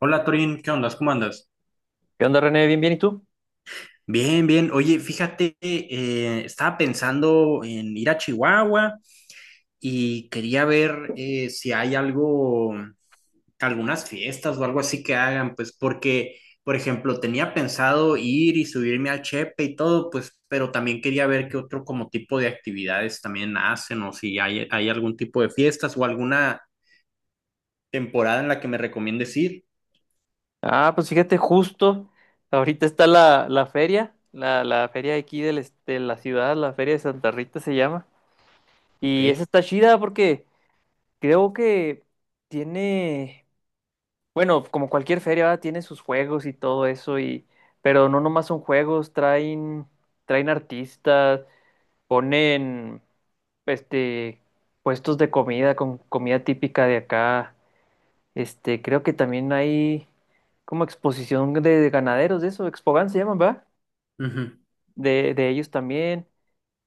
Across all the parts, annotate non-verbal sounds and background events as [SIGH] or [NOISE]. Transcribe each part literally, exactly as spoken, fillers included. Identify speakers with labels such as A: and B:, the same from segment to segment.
A: Hola Torín, ¿qué onda? ¿Cómo andas?
B: ¿Qué onda, René? Bien, bien, ¿y tú?
A: Bien, bien. Oye, fíjate, eh, estaba pensando en ir a Chihuahua y quería ver eh, si hay algo, algunas fiestas o algo así que hagan, pues porque, por ejemplo, tenía pensado ir y subirme al Chepe y todo, pues, pero también quería ver qué otro como tipo de actividades también hacen o si hay, hay algún tipo de fiestas o alguna temporada en la que me recomiendes ir.
B: Ah, pues fíjate, justo ahorita está la, la feria, la, la feria aquí del, este, de la ciudad, la feria de Santa Rita se llama.
A: Ok.
B: Y esa está chida porque creo que tiene, bueno, como cualquier feria, ¿verdad? Tiene sus juegos y todo eso, y, pero no nomás son juegos, traen, traen artistas, ponen, este, puestos de comida con comida típica de acá. Este, creo que también hay como exposición de, de ganaderos, de eso, Expogan se llaman, ¿verdad?
A: Ujú.
B: De, de ellos también.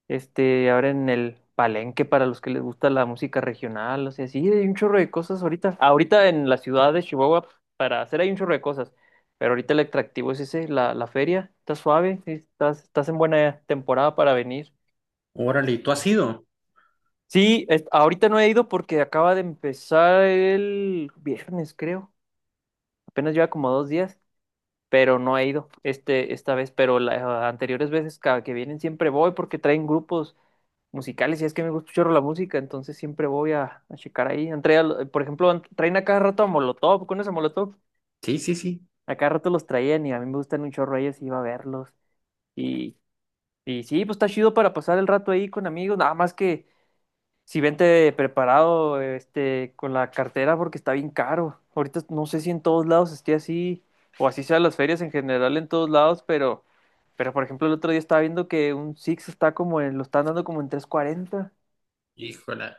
B: Este, ahora en el Palenque para los que les gusta la música regional, o sea, sí, hay un chorro de cosas ahorita. Ahorita en la ciudad de Chihuahua para hacer hay un chorro de cosas, pero ahorita el atractivo es ese, la, la feria, está suave, sí, estás, estás en buena temporada para venir.
A: Órale, ¿y tú has ido?
B: Sí, es- ahorita no he ido porque acaba de empezar el viernes, creo. Apenas lleva como dos días, pero no he ido, este, esta vez, pero las, ah, anteriores veces cada que vienen siempre voy porque traen grupos musicales y es que me gusta mucho la música, entonces siempre voy a, a checar ahí. Han traído, por ejemplo, han- traen a cada rato a Molotov, con ese Molotov,
A: Sí, sí, sí.
B: a cada rato los traían y a mí me gustan un chorro ellos y iba a verlos. Y, y sí, pues está chido para pasar el rato ahí con amigos, nada más que si vente preparado, este, con la cartera porque está bien caro. Ahorita no sé si en todos lados esté así, o así sean las ferias en general en todos lados, pero, pero por ejemplo el otro día estaba viendo que un Six está como en, lo están dando como en trescientos cuarenta.
A: Híjole.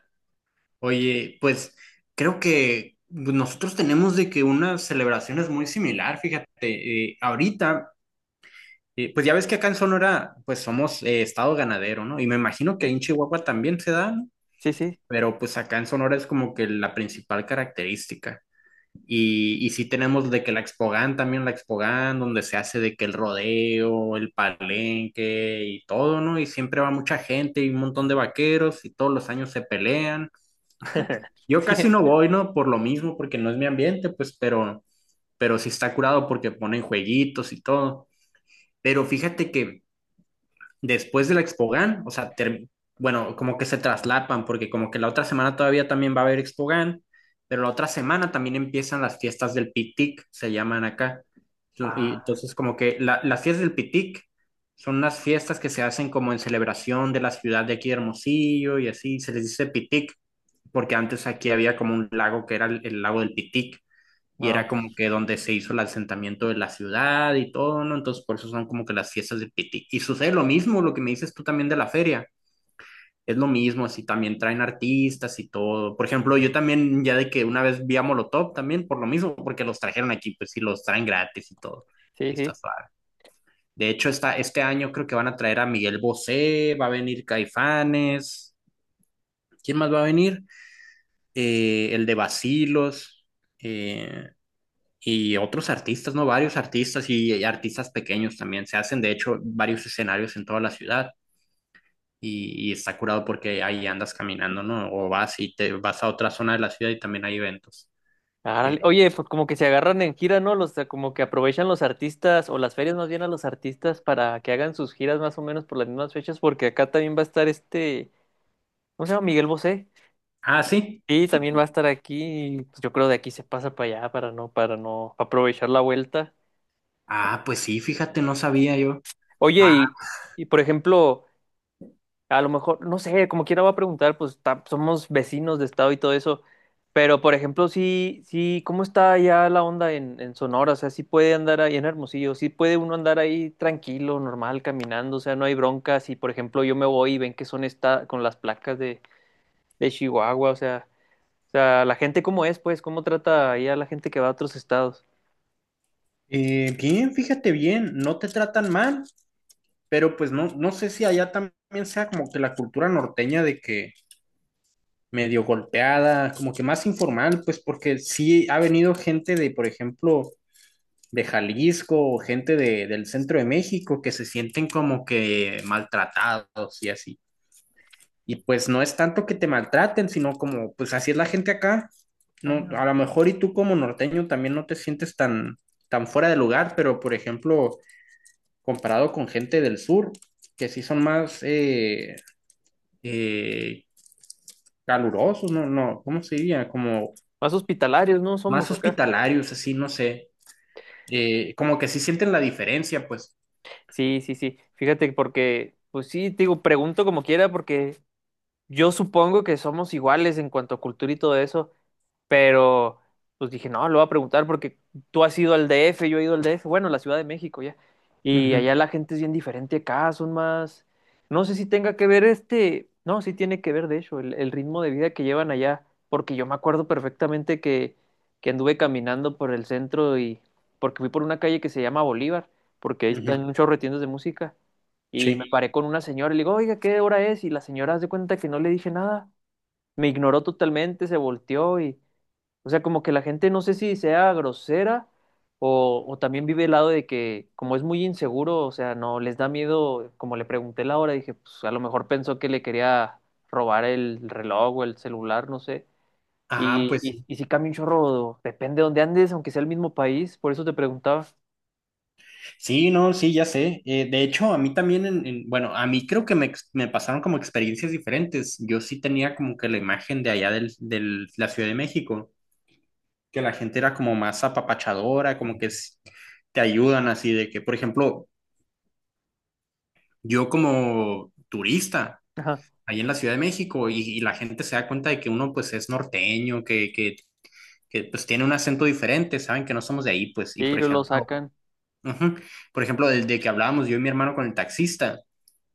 A: Oye, pues creo que nosotros tenemos de que una celebración es muy similar, fíjate, eh, ahorita, eh, pues ya ves que acá en Sonora, pues somos eh, estado ganadero, ¿no? Y me imagino que ahí
B: Sí.
A: en Chihuahua también se da, ¿no?
B: Sí, sí.
A: Pero pues acá en Sonora es como que la principal característica. Y, y sí tenemos de que la Expogan también, la Expogan, donde se hace de que el rodeo, el palenque y todo, ¿no? Y siempre va mucha gente y un montón de vaqueros y todos los años se pelean.
B: [LAUGHS]
A: Yo
B: Sí.
A: casi no voy, ¿no? Por lo mismo, porque no es mi ambiente, pues, pero, pero sí está curado porque ponen jueguitos y todo. Pero fíjate que después de la Expogan, o sea, ter- bueno, como que se traslapan, porque como que la otra semana todavía también va a haber Expogan, pero la otra semana también empiezan las fiestas del Pitic, se llaman acá. Y
B: Ah,
A: entonces como que la- las fiestas del Pitic son unas fiestas que se hacen como en celebración de la ciudad de aquí de Hermosillo y así, se les dice Pitic porque antes aquí había como un lago que era el, el lago del Pitic y
B: no,
A: era como
B: pues.
A: que donde se hizo el asentamiento de la ciudad y todo, ¿no? Entonces por eso son como que las fiestas del Pitic. Y sucede lo mismo, lo que me dices tú también de la feria. Es lo mismo, así también traen artistas y todo. Por ejemplo, yo también ya de que una vez vi a Molotov también por lo mismo, porque los trajeron aquí, pues sí, los traen gratis y todo.
B: Sí,
A: Y está
B: sí.
A: suave. De hecho, está, este año creo que van a traer a Miguel Bosé, va a venir Caifanes. ¿Quién más va a venir? Eh, el de Basilos, eh, y otros artistas, ¿no? Varios artistas y, y artistas pequeños también. Se hacen, de hecho, varios escenarios en toda la ciudad y, y está curado porque ahí andas caminando, ¿no? O vas y te vas a otra zona de la ciudad y también hay eventos.
B: Árale.
A: Eh,
B: Oye, pues como que se agarran en gira, ¿no? Los, como que aprovechan los artistas, o las ferias más bien a los artistas para que hagan sus giras más o menos por las mismas fechas, porque acá también va a estar, este, ¿cómo se llama? Miguel Bosé.
A: ah, sí.
B: Sí, también va a estar aquí, pues. Yo creo de aquí se pasa para allá para no, para no aprovechar la vuelta.
A: Ah, pues sí, fíjate, no sabía yo.
B: Oye,
A: Ah,
B: y, y por ejemplo, a lo mejor, no sé, como quiera va a preguntar, pues ta- somos vecinos de estado y todo eso. Pero por ejemplo, sí, sí, ¿cómo está ya la onda en, en Sonora? O sea, sí puede andar ahí en Hermosillo, sí puede uno andar ahí tranquilo, normal, caminando, o sea, no hay broncas. Y por ejemplo, yo me voy y ven que son esta con las placas de, de Chihuahua, o sea, o sea, la gente cómo es, pues, cómo trata ahí a la gente que va a otros estados.
A: eh, Bien, fíjate bien, no te tratan mal, pero pues no, no sé si allá también sea como que la cultura norteña de que medio golpeada, como que más informal, pues porque sí ha venido gente de, por ejemplo, de Jalisco o gente de, del centro de México que se sienten como que maltratados y así. Y pues no es tanto que te maltraten, sino como, pues así es la gente acá. No,
B: Ah,
A: a lo mejor y tú como norteño también no te sientes tan, tan fuera de lugar, pero por ejemplo, comparado con gente del sur, que sí son más eh, eh, calurosos, no, no, ¿cómo se diría? Como
B: más hospitalarios, ¿no? Somos
A: más
B: acá.
A: hospitalarios, así, no sé. Eh, como que sí sienten la diferencia, pues.
B: Sí, sí, sí. Fíjate, porque, pues sí, te digo, pregunto como quiera, porque yo supongo que somos iguales en cuanto a cultura y todo eso. Pero pues dije, no, lo voy a preguntar porque tú has ido al D F, yo he ido al D F, bueno, la Ciudad de México ya. Y
A: Ujú,
B: allá la gente es bien diferente acá, son más, no sé si tenga que ver, este, no, sí tiene que ver de hecho el, el ritmo de vida que llevan allá, porque yo me acuerdo perfectamente que, que anduve caminando por el centro y porque fui por una calle que se llama Bolívar, porque ahí
A: ujú,
B: están muchos retiendos de música. Y me
A: sí.
B: paré con una señora y le digo, oiga, ¿qué hora es? Y la señora hace cuenta que no le dije nada. Me ignoró totalmente, se volteó y, o sea, como que la gente no sé si sea grosera o, o también vive el lado de que como es muy inseguro, o sea, no les da miedo, como le pregunté la hora, dije, pues a lo mejor pensó que le quería robar el reloj o el celular, no sé.
A: Ah,
B: Y,
A: pues
B: y,
A: sí,
B: y si cambia un chorro, depende de dónde andes, aunque sea el mismo país, por eso te preguntaba. [LAUGHS]
A: sí, no, sí, ya sé. Eh, de hecho, a mí también, en, en- bueno, a mí creo que me, ex- me pasaron como experiencias diferentes. Yo sí tenía como que la imagen de allá del, del- la Ciudad de México, que la gente era como más apapachadora, como que s- te ayudan así de que, por ejemplo, yo como turista
B: Ajá.
A: ahí en la Ciudad de México y, y la gente se da cuenta de que uno pues es norteño, que, que que pues tiene un acento diferente, saben que no somos de ahí, pues, y
B: Y
A: por
B: lo lo
A: ejemplo,
B: sacan.
A: ujú, por ejemplo, del de que hablábamos yo y mi hermano con el taxista,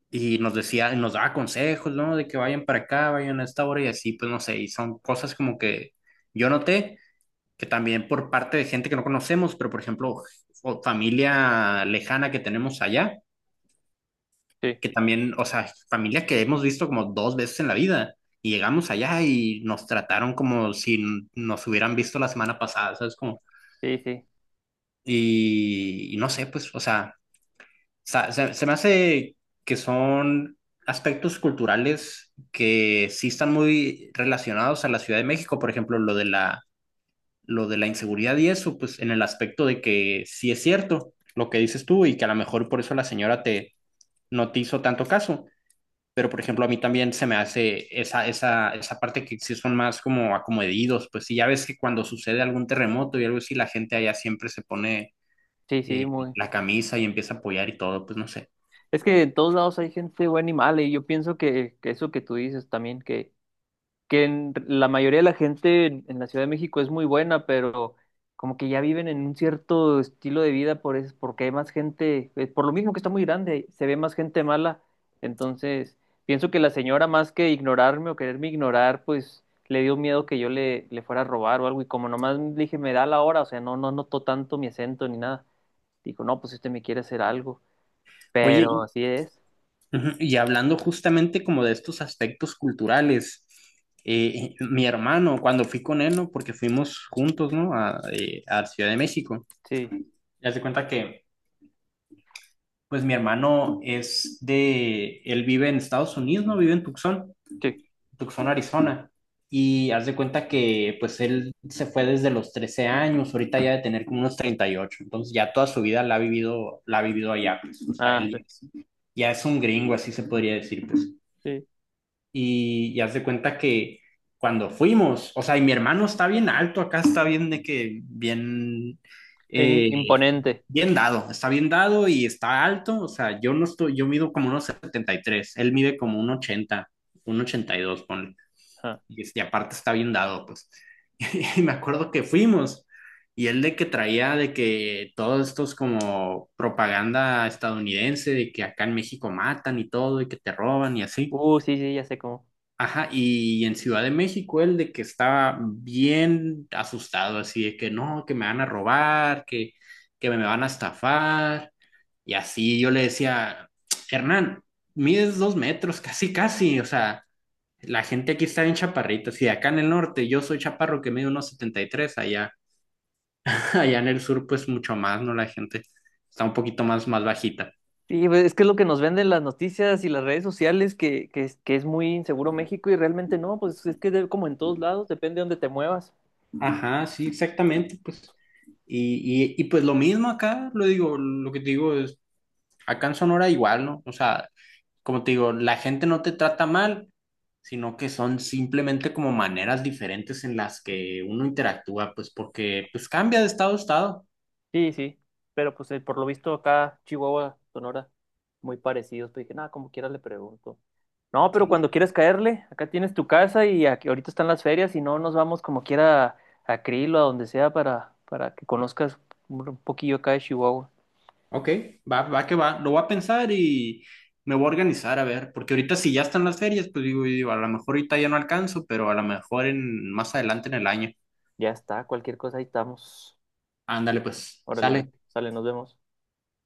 A: y nos decía, nos daba consejos, ¿no? De que vayan para acá, vayan a esta hora y así, pues no sé, y son cosas como que yo noté que también por parte de gente que no conocemos, pero por ejemplo, o familia lejana que tenemos allá,
B: Sí,
A: que también, o sea, familia que hemos visto como dos veces en la vida. Y llegamos allá y nos trataron como si nos hubieran visto la semana pasada, ¿sabes? Como,
B: sí, sí,
A: Y, y no sé, pues, o sea, sa- se, se me hace que son aspectos culturales que sí están muy relacionados a la Ciudad de México, por ejemplo, lo de la, lo de la inseguridad y eso, pues en el aspecto de que sí es cierto lo que dices tú y que a lo mejor por eso la señora te, no te hizo tanto caso, pero por ejemplo a mí también se me hace esa, esa, esa parte que sí son más como acomedidos, pues si ya ves que cuando sucede algún terremoto y algo así, la gente allá siempre se pone
B: sí, sí,
A: eh,
B: muy.
A: la camisa y empieza a apoyar y todo, pues no sé.
B: Es que en todos lados hay gente buena y mala, y yo pienso que, que eso que tú dices también, que que en- la mayoría de la gente en, en la Ciudad de México es muy buena, pero como que ya viven en un cierto estilo de vida por eso, porque hay más gente, eh, por lo mismo que está muy grande, se ve más gente mala. Entonces, pienso que la señora, más que ignorarme o quererme ignorar, pues le dio miedo que yo le, le fuera a robar o algo. Y como nomás le dije, me da la hora, o sea, no, no notó tanto mi acento ni nada. Dijo, no, pues usted me quiere hacer algo.
A: Oye,
B: Pero
A: y,
B: así es.
A: ujú, y hablando justamente como de estos aspectos culturales, eh, eh, mi hermano, cuando fui con él, ¿no? Porque fuimos juntos, ¿no? A, eh, a Ciudad de México.
B: Sí,
A: Ya se cuenta que, pues mi hermano es de, él vive en Estados Unidos, ¿no? Vive en Tucson.
B: sí.
A: Tucson, Arizona. Y haz de cuenta que pues él se fue desde los trece años, ahorita ya de tener como unos treinta y ocho entonces ya toda su vida la ha vivido, la ha vivido allá, pues, o sea,
B: Ah,
A: él
B: sí.
A: ya es, ya es un gringo, así se podría decir, pues.
B: Sí.
A: Y, y haz de cuenta que cuando fuimos, o sea, y mi hermano está bien alto, acá está bien de que, bien,
B: En-
A: eh,
B: imponente.
A: bien dado, está bien dado y está alto, o sea, yo no estoy, yo mido como unos setenta y tres él mide como un ochenta un ochenta y dos ponle. Y, este, aparte está bien dado, pues. [LAUGHS] Y me acuerdo que fuimos y él de que traía de que todos estos como propaganda estadounidense de que acá en México matan y todo y que te roban y así.
B: Uh, sí, sí, ya sé cómo.
A: Ajá, y en Ciudad de México él de que estaba bien asustado, así de que no, que me van a robar, que, que me van a estafar. Y así yo le decía, Hernán, mides dos metros, casi, casi, o sea, la gente aquí está bien chaparrita. Si acá en el norte yo soy chaparro que mide unos setenta y tres, allá, [LAUGHS] allá en el sur pues mucho más, ¿no? La gente está un poquito más, más bajita.
B: Sí, pues, es que es lo que nos venden las noticias y las redes sociales, que, que, es, que es muy inseguro México y realmente no, pues es que de- como en todos lados, depende de dónde te muevas.
A: Ajá, sí, exactamente, pues. Y, y, y pues lo mismo acá, lo digo, lo que te digo es, acá en Sonora igual, ¿no? O sea, como te digo, la gente no te trata mal, sino que son simplemente como maneras diferentes en las que uno interactúa, pues porque pues cambia de estado a estado.
B: Sí, sí, pero pues, eh, por lo visto acá Chihuahua, Sonora, muy parecidos, pues dije, nada, como quiera le pregunto. No, pero
A: Sí,
B: cuando quieras caerle, acá tienes tu casa y aquí, ahorita están las ferias y no nos vamos como quiera a, a Krill o a donde sea para, para que conozcas un un poquillo acá de Chihuahua.
A: ok, va, va que va. Lo voy a pensar y me voy a organizar a ver, porque ahorita si ya están las ferias, pues digo, digo, a lo mejor ahorita ya no alcanzo, pero a lo mejor en más adelante en el año.
B: Ya está, cualquier cosa ahí estamos.
A: Ándale, pues,
B: Órale,
A: sale.
B: sale, nos vemos.